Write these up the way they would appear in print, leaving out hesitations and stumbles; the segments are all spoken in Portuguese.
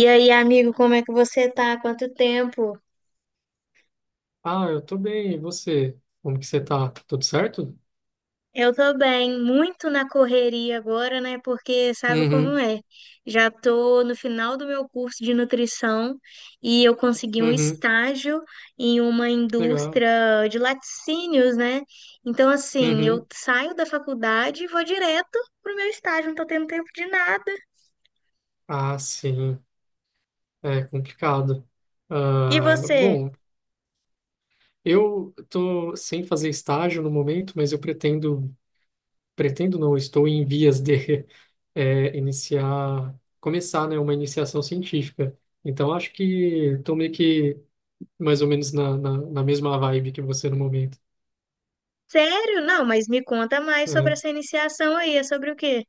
E aí, amigo, como é que você tá? Quanto tempo? Ah, eu tô bem. E você? Como que você tá? Tudo certo? Eu tô bem, muito na correria agora, né? Porque sabe como Uhum, é? Já tô no final do meu curso de nutrição e eu consegui um uhum, estágio em uma legal. indústria de laticínios, né? Então, assim, eu Uhum. saio da faculdade e vou direto pro meu estágio, não tô tendo tempo de nada. Ah, sim, é complicado. E Ah, você? bom, eu tô sem fazer estágio no momento, mas eu pretendo, pretendo não, estou em vias de iniciar, começar, né, uma iniciação científica. Então, acho que estou meio que mais ou menos na mesma vibe que você no momento. Sério? Não, mas me conta mais sobre É. essa iniciação aí, é sobre o quê?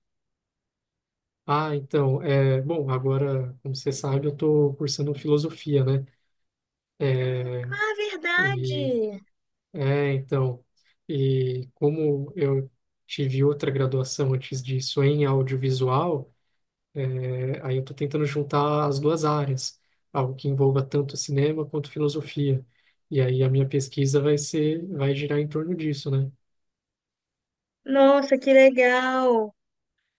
Ah, então, bom, agora, como você sabe, eu estou cursando filosofia, né? É, Ah, e, verdade! é, então, e como eu tive outra graduação antes disso em audiovisual, aí eu estou tentando juntar as duas áreas, algo que envolva tanto cinema quanto filosofia. E aí a minha pesquisa vai ser, vai girar em torno disso, né? Nossa, que legal!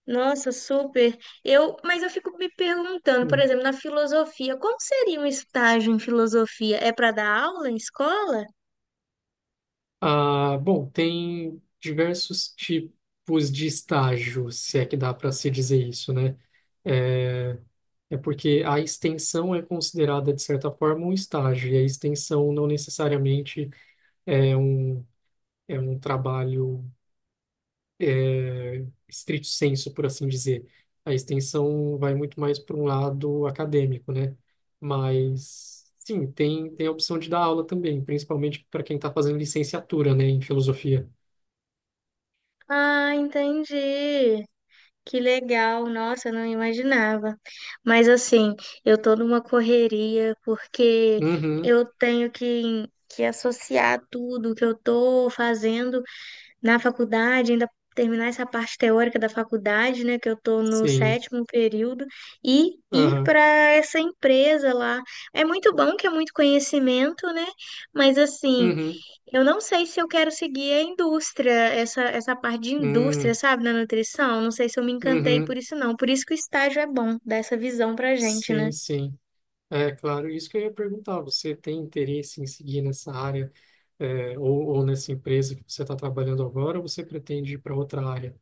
Nossa, super. Eu, mas eu fico me perguntando, por exemplo, na filosofia, como seria um estágio em filosofia? É para dar aula em escola? Ah, bom, tem diversos tipos de estágio, se é que dá para se dizer isso, né? É, é porque a extensão é considerada, de certa forma, um estágio, e a extensão não necessariamente é um, é um trabalho estrito sensu, por assim dizer. A extensão vai muito mais para um lado acadêmico, né? Mas, sim, tem a opção de dar aula também, principalmente para quem está fazendo licenciatura, né, em filosofia. Ah, entendi. Que legal. Nossa, eu não imaginava. Mas assim, eu tô numa correria porque Uhum, eu tenho que associar tudo que eu tô fazendo na faculdade, ainda terminar essa parte teórica da faculdade, né, que eu tô no sim. sétimo período, e ir Aham. para essa empresa lá. É muito bom que é muito conhecimento, né? Mas assim, Uhum. eu não sei se eu quero seguir a indústria, essa parte de indústria, Hum. sabe, na nutrição. Não sei se eu me encantei por Uhum. isso, não. Por isso que o estágio é bom, dá essa visão pra gente, né? Sim, sim. É claro, isso que eu ia perguntar. Você tem interesse em seguir nessa área, é, ou nessa empresa que você está trabalhando agora, ou você pretende ir para outra área?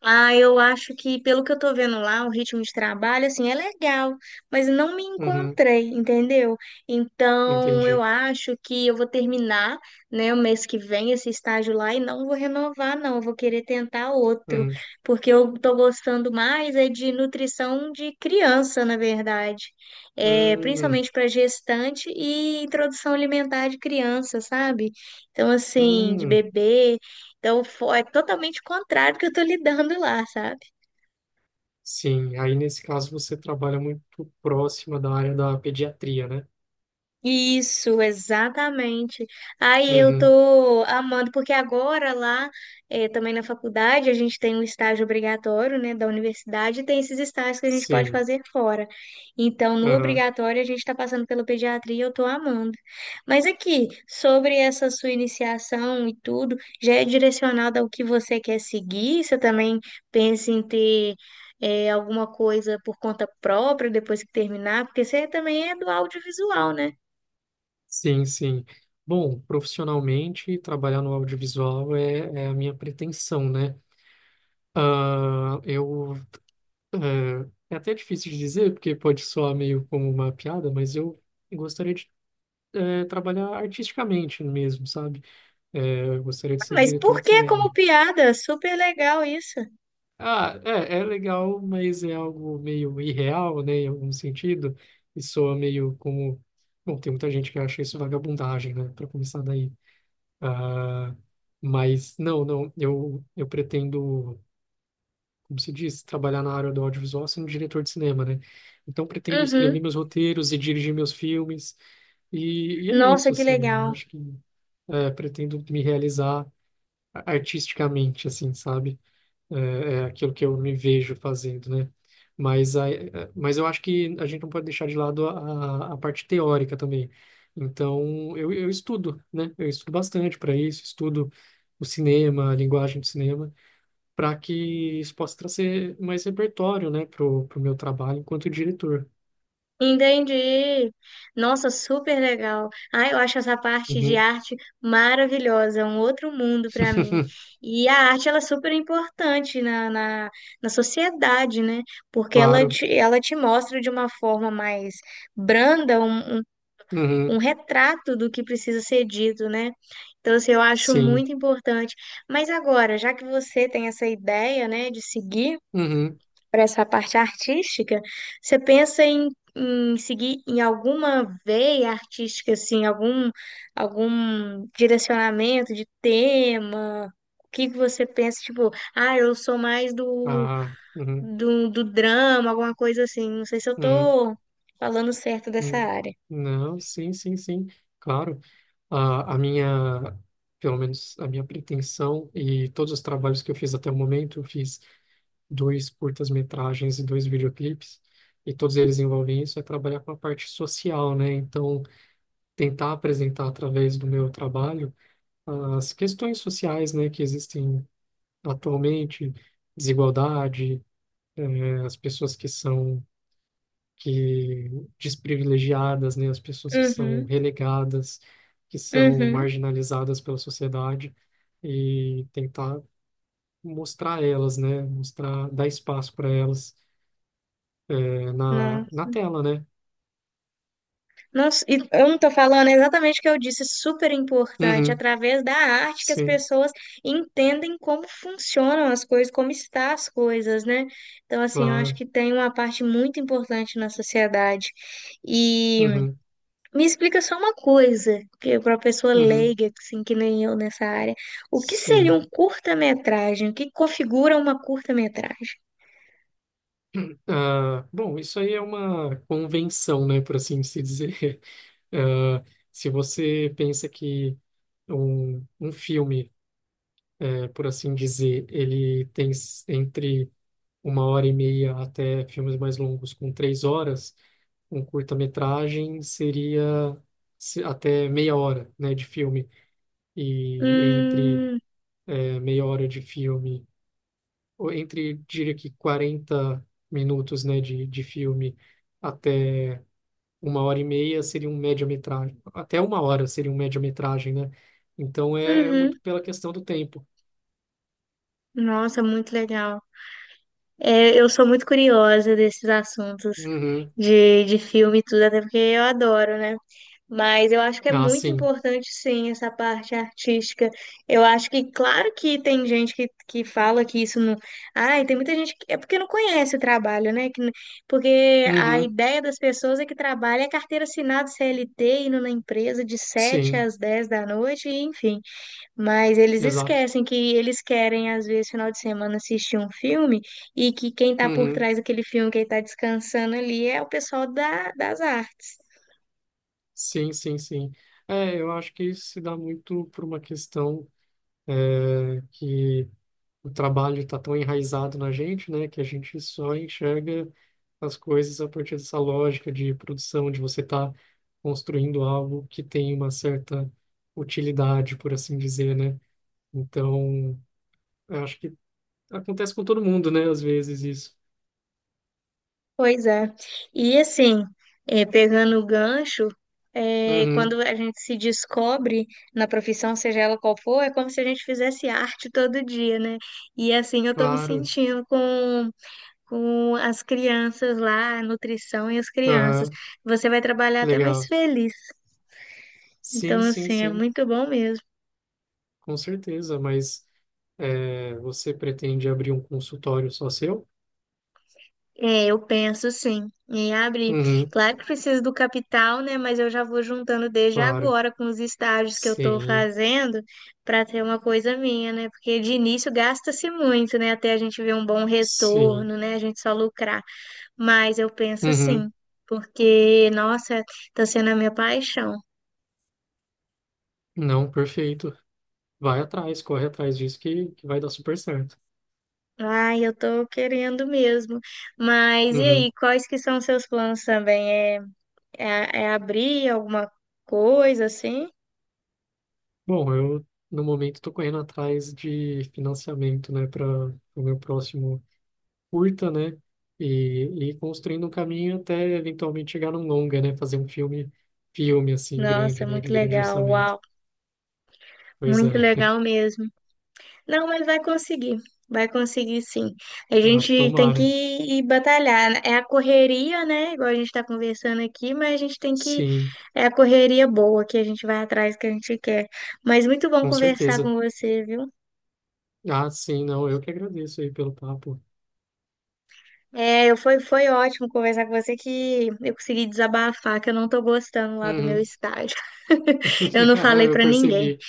Ah, eu acho que, pelo que eu tô vendo lá, o ritmo de trabalho, assim, é legal, mas não me Uhum. encontrei, entendeu? Então, eu Entendi. acho que eu vou terminar, né, o mês que vem esse estágio lá e não vou renovar, não. Eu vou querer tentar outro, Uhum. porque eu tô gostando mais é de nutrição de criança, na verdade. É, Hum. principalmente para gestante e introdução alimentar de criança, sabe? Então, assim, de Hum. bebê. Então, é totalmente contrário do que eu tô lidando lá, sabe? Sim, aí nesse caso você trabalha muito próxima da área da pediatria, né? Isso, exatamente. Aí eu Uhum. tô amando, porque agora lá, também na faculdade, a gente tem um estágio obrigatório, né, da universidade, e tem esses estágios que a gente pode Sim. fazer fora. Então, no Aham. obrigatório, a gente está passando pela pediatria, e eu tô amando. Mas aqui, sobre essa sua iniciação e tudo, já é direcionado ao que você quer seguir? Você também pensa em ter. Alguma coisa por conta própria depois que terminar, porque você também é do audiovisual, né? Sim, sim. Bom, profissionalmente, trabalhar no audiovisual é a minha pretensão, né? Ah, eu. É até difícil de dizer, porque pode soar meio como uma piada, mas eu gostaria de trabalhar artisticamente mesmo, sabe? Eu gostaria de ser Mas diretor por de que como cinema. piada? Super legal isso. Ah, é, é legal, mas é algo meio irreal, né, em algum sentido, e soa meio como. Bom, tem muita gente que acha isso vagabundagem, né, para começar daí. Ah, mas, não, não, eu pretendo. Como se diz, trabalhar na área do audiovisual sendo diretor de cinema, né? Então pretendo escrever Uhum. meus roteiros e dirigir meus filmes, e é Nossa, isso, que assim, legal. eu acho que pretendo me realizar artisticamente, assim, sabe? É, é aquilo que eu me vejo fazendo, né? Mas, a, mas eu acho que a gente não pode deixar de lado a parte teórica também. Então, eu estudo, né? Eu estudo bastante para isso, estudo o cinema, a linguagem do cinema para que isso possa trazer mais repertório, né, pro meu trabalho enquanto diretor. Entendi. Nossa, super legal. Ah, eu acho essa parte de Uhum, arte maravilhosa, um outro mundo para mim. E a arte ela é super importante na sociedade, né? Porque ela claro. te, ela te mostra de uma forma mais branda um, um Uhum, retrato do que precisa ser dito, né? Então, assim, eu acho sim. muito importante. Mas agora, já que você tem essa ideia, né, de seguir Uhum, para essa parte artística, você pensa em, seguir em alguma veia artística, assim, algum, algum direcionamento de tema? O que que você pensa, tipo, ah, eu sou mais do, ah, uhum, do, do drama, alguma coisa assim. Não sei se eu uhum, tô falando certo dessa uhum. área. Não, sim, sim, sim, claro. A minha, pelo menos a minha pretensão e todos os trabalhos que eu fiz até o momento, eu fiz dois curtas-metragens e dois videoclipes, e todos eles envolvem isso, é trabalhar com a parte social, né? Então, tentar apresentar através do meu trabalho as questões sociais, né, que existem atualmente, desigualdade, as pessoas que são que desprivilegiadas, né, as pessoas que são Uhum, relegadas, que são uhum. marginalizadas pela sociedade e tentar mostrar elas, né, mostrar, dar espaço para elas, Não, na tela, né? Nossa, e eu não estou falando exatamente o que eu disse, super importante, Uhum, através da arte que as sim, pessoas entendem como funcionam as coisas, como estão as coisas, né? Então, assim, eu acho claro. que tem uma parte muito importante na sociedade. E Uhum, me explica só uma coisa, que para uma pessoa uhum, leiga, assim, que nem eu nessa área, o que seria sim. um curta-metragem? O que configura uma curta-metragem? Ah, bom, isso aí é uma convenção, né, por assim se dizer. Ah, se você pensa que um filme, por assim dizer, ele tem s- entre uma hora e meia até filmes mais longos com três horas, um curta-metragem seria se- até meia hora, né, de filme. E entre, Hum, meia hora de filme ou entre, diria que 40 minutos, né, de filme até uma hora e meia seria um média-metragem. Até uma hora seria um média-metragem, né? Então é, é uhum. muito pela questão do tempo. Nossa, muito legal. É, eu sou muito curiosa desses assuntos Uhum. de filme e tudo, até porque eu adoro, né? Mas eu acho que é Ah, muito sim. importante, sim, essa parte artística. Eu acho que, claro que tem gente que fala que isso não. Ai, tem muita gente que. É porque não conhece o trabalho, né? Que, porque a Uhum. ideia das pessoas é que trabalha é carteira assinada CLT, indo na empresa de 7 Sim, às 10 da noite, e, enfim. Mas eles exato. esquecem que eles querem, às vezes, final de semana assistir um filme e que quem está por Uhum. trás daquele filme, quem está descansando ali, é o pessoal das artes. Sim, sim, sim. É, eu acho que isso se dá muito por uma questão que o trabalho está tão enraizado na gente, né, que a gente só enxerga as coisas a partir dessa lógica de produção, de você estar construindo algo que tem uma certa utilidade, por assim dizer, né? Então, eu acho que acontece com todo mundo, né, às vezes isso. Pois é. E assim, pegando o gancho, Uhum, quando a gente se descobre na profissão, seja ela qual for, é como se a gente fizesse arte todo dia, né? E assim eu tô me claro. sentindo com as crianças lá, a nutrição e as crianças. Aham, Você vai trabalhar que até mais legal. feliz. Sim, Então, sim, assim, é sim, muito bom mesmo. com certeza, mas é, você pretende abrir um consultório só seu? É, eu penso sim em abrir. Uhum, Claro que preciso do capital, né? Mas eu já vou juntando desde claro. agora com os estágios que eu estou Sim, fazendo para ter uma coisa minha, né? Porque de início gasta-se muito, né? Até a gente ver um bom sim. retorno, né? A gente só lucrar. Mas eu penso Uhum. sim, porque, nossa, está sendo a minha paixão. Não, perfeito. Vai atrás, corre atrás disso que vai dar super certo. Ai, eu tô querendo mesmo. Mas e Uhum. aí, quais que são os seus planos também? É abrir alguma coisa assim? Bom, eu no momento estou correndo atrás de financiamento, né, para o meu próximo curta, né, e, e construindo um caminho até eventualmente chegar num longa, né, fazer um filme, filme assim Nossa, grande, é né, de muito grande legal, orçamento. uau, Pois muito é, legal mesmo. Não, mas vai conseguir sim. A ah, gente tem que tomara. ir batalhar. Né? É a correria, né? Igual a gente está conversando aqui, mas a gente tem que. Sim, É a correria boa que a gente vai atrás que a gente quer. Mas muito bom com conversar certeza. com você, viu? Ah, sim, não, eu que agradeço aí pelo papo. É, foi, foi ótimo conversar com você que eu consegui desabafar, que eu não tô gostando lá do meu Uhum. estágio. Eu não falei Eu para ninguém. percebi.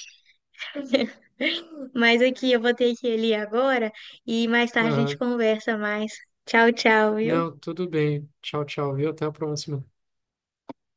Mas aqui eu vou ter que ir ali agora e mais tarde a gente Aham. conversa mais. Tchau, tchau, viu? Não, tudo bem. Tchau, tchau, viu? Até a próxima.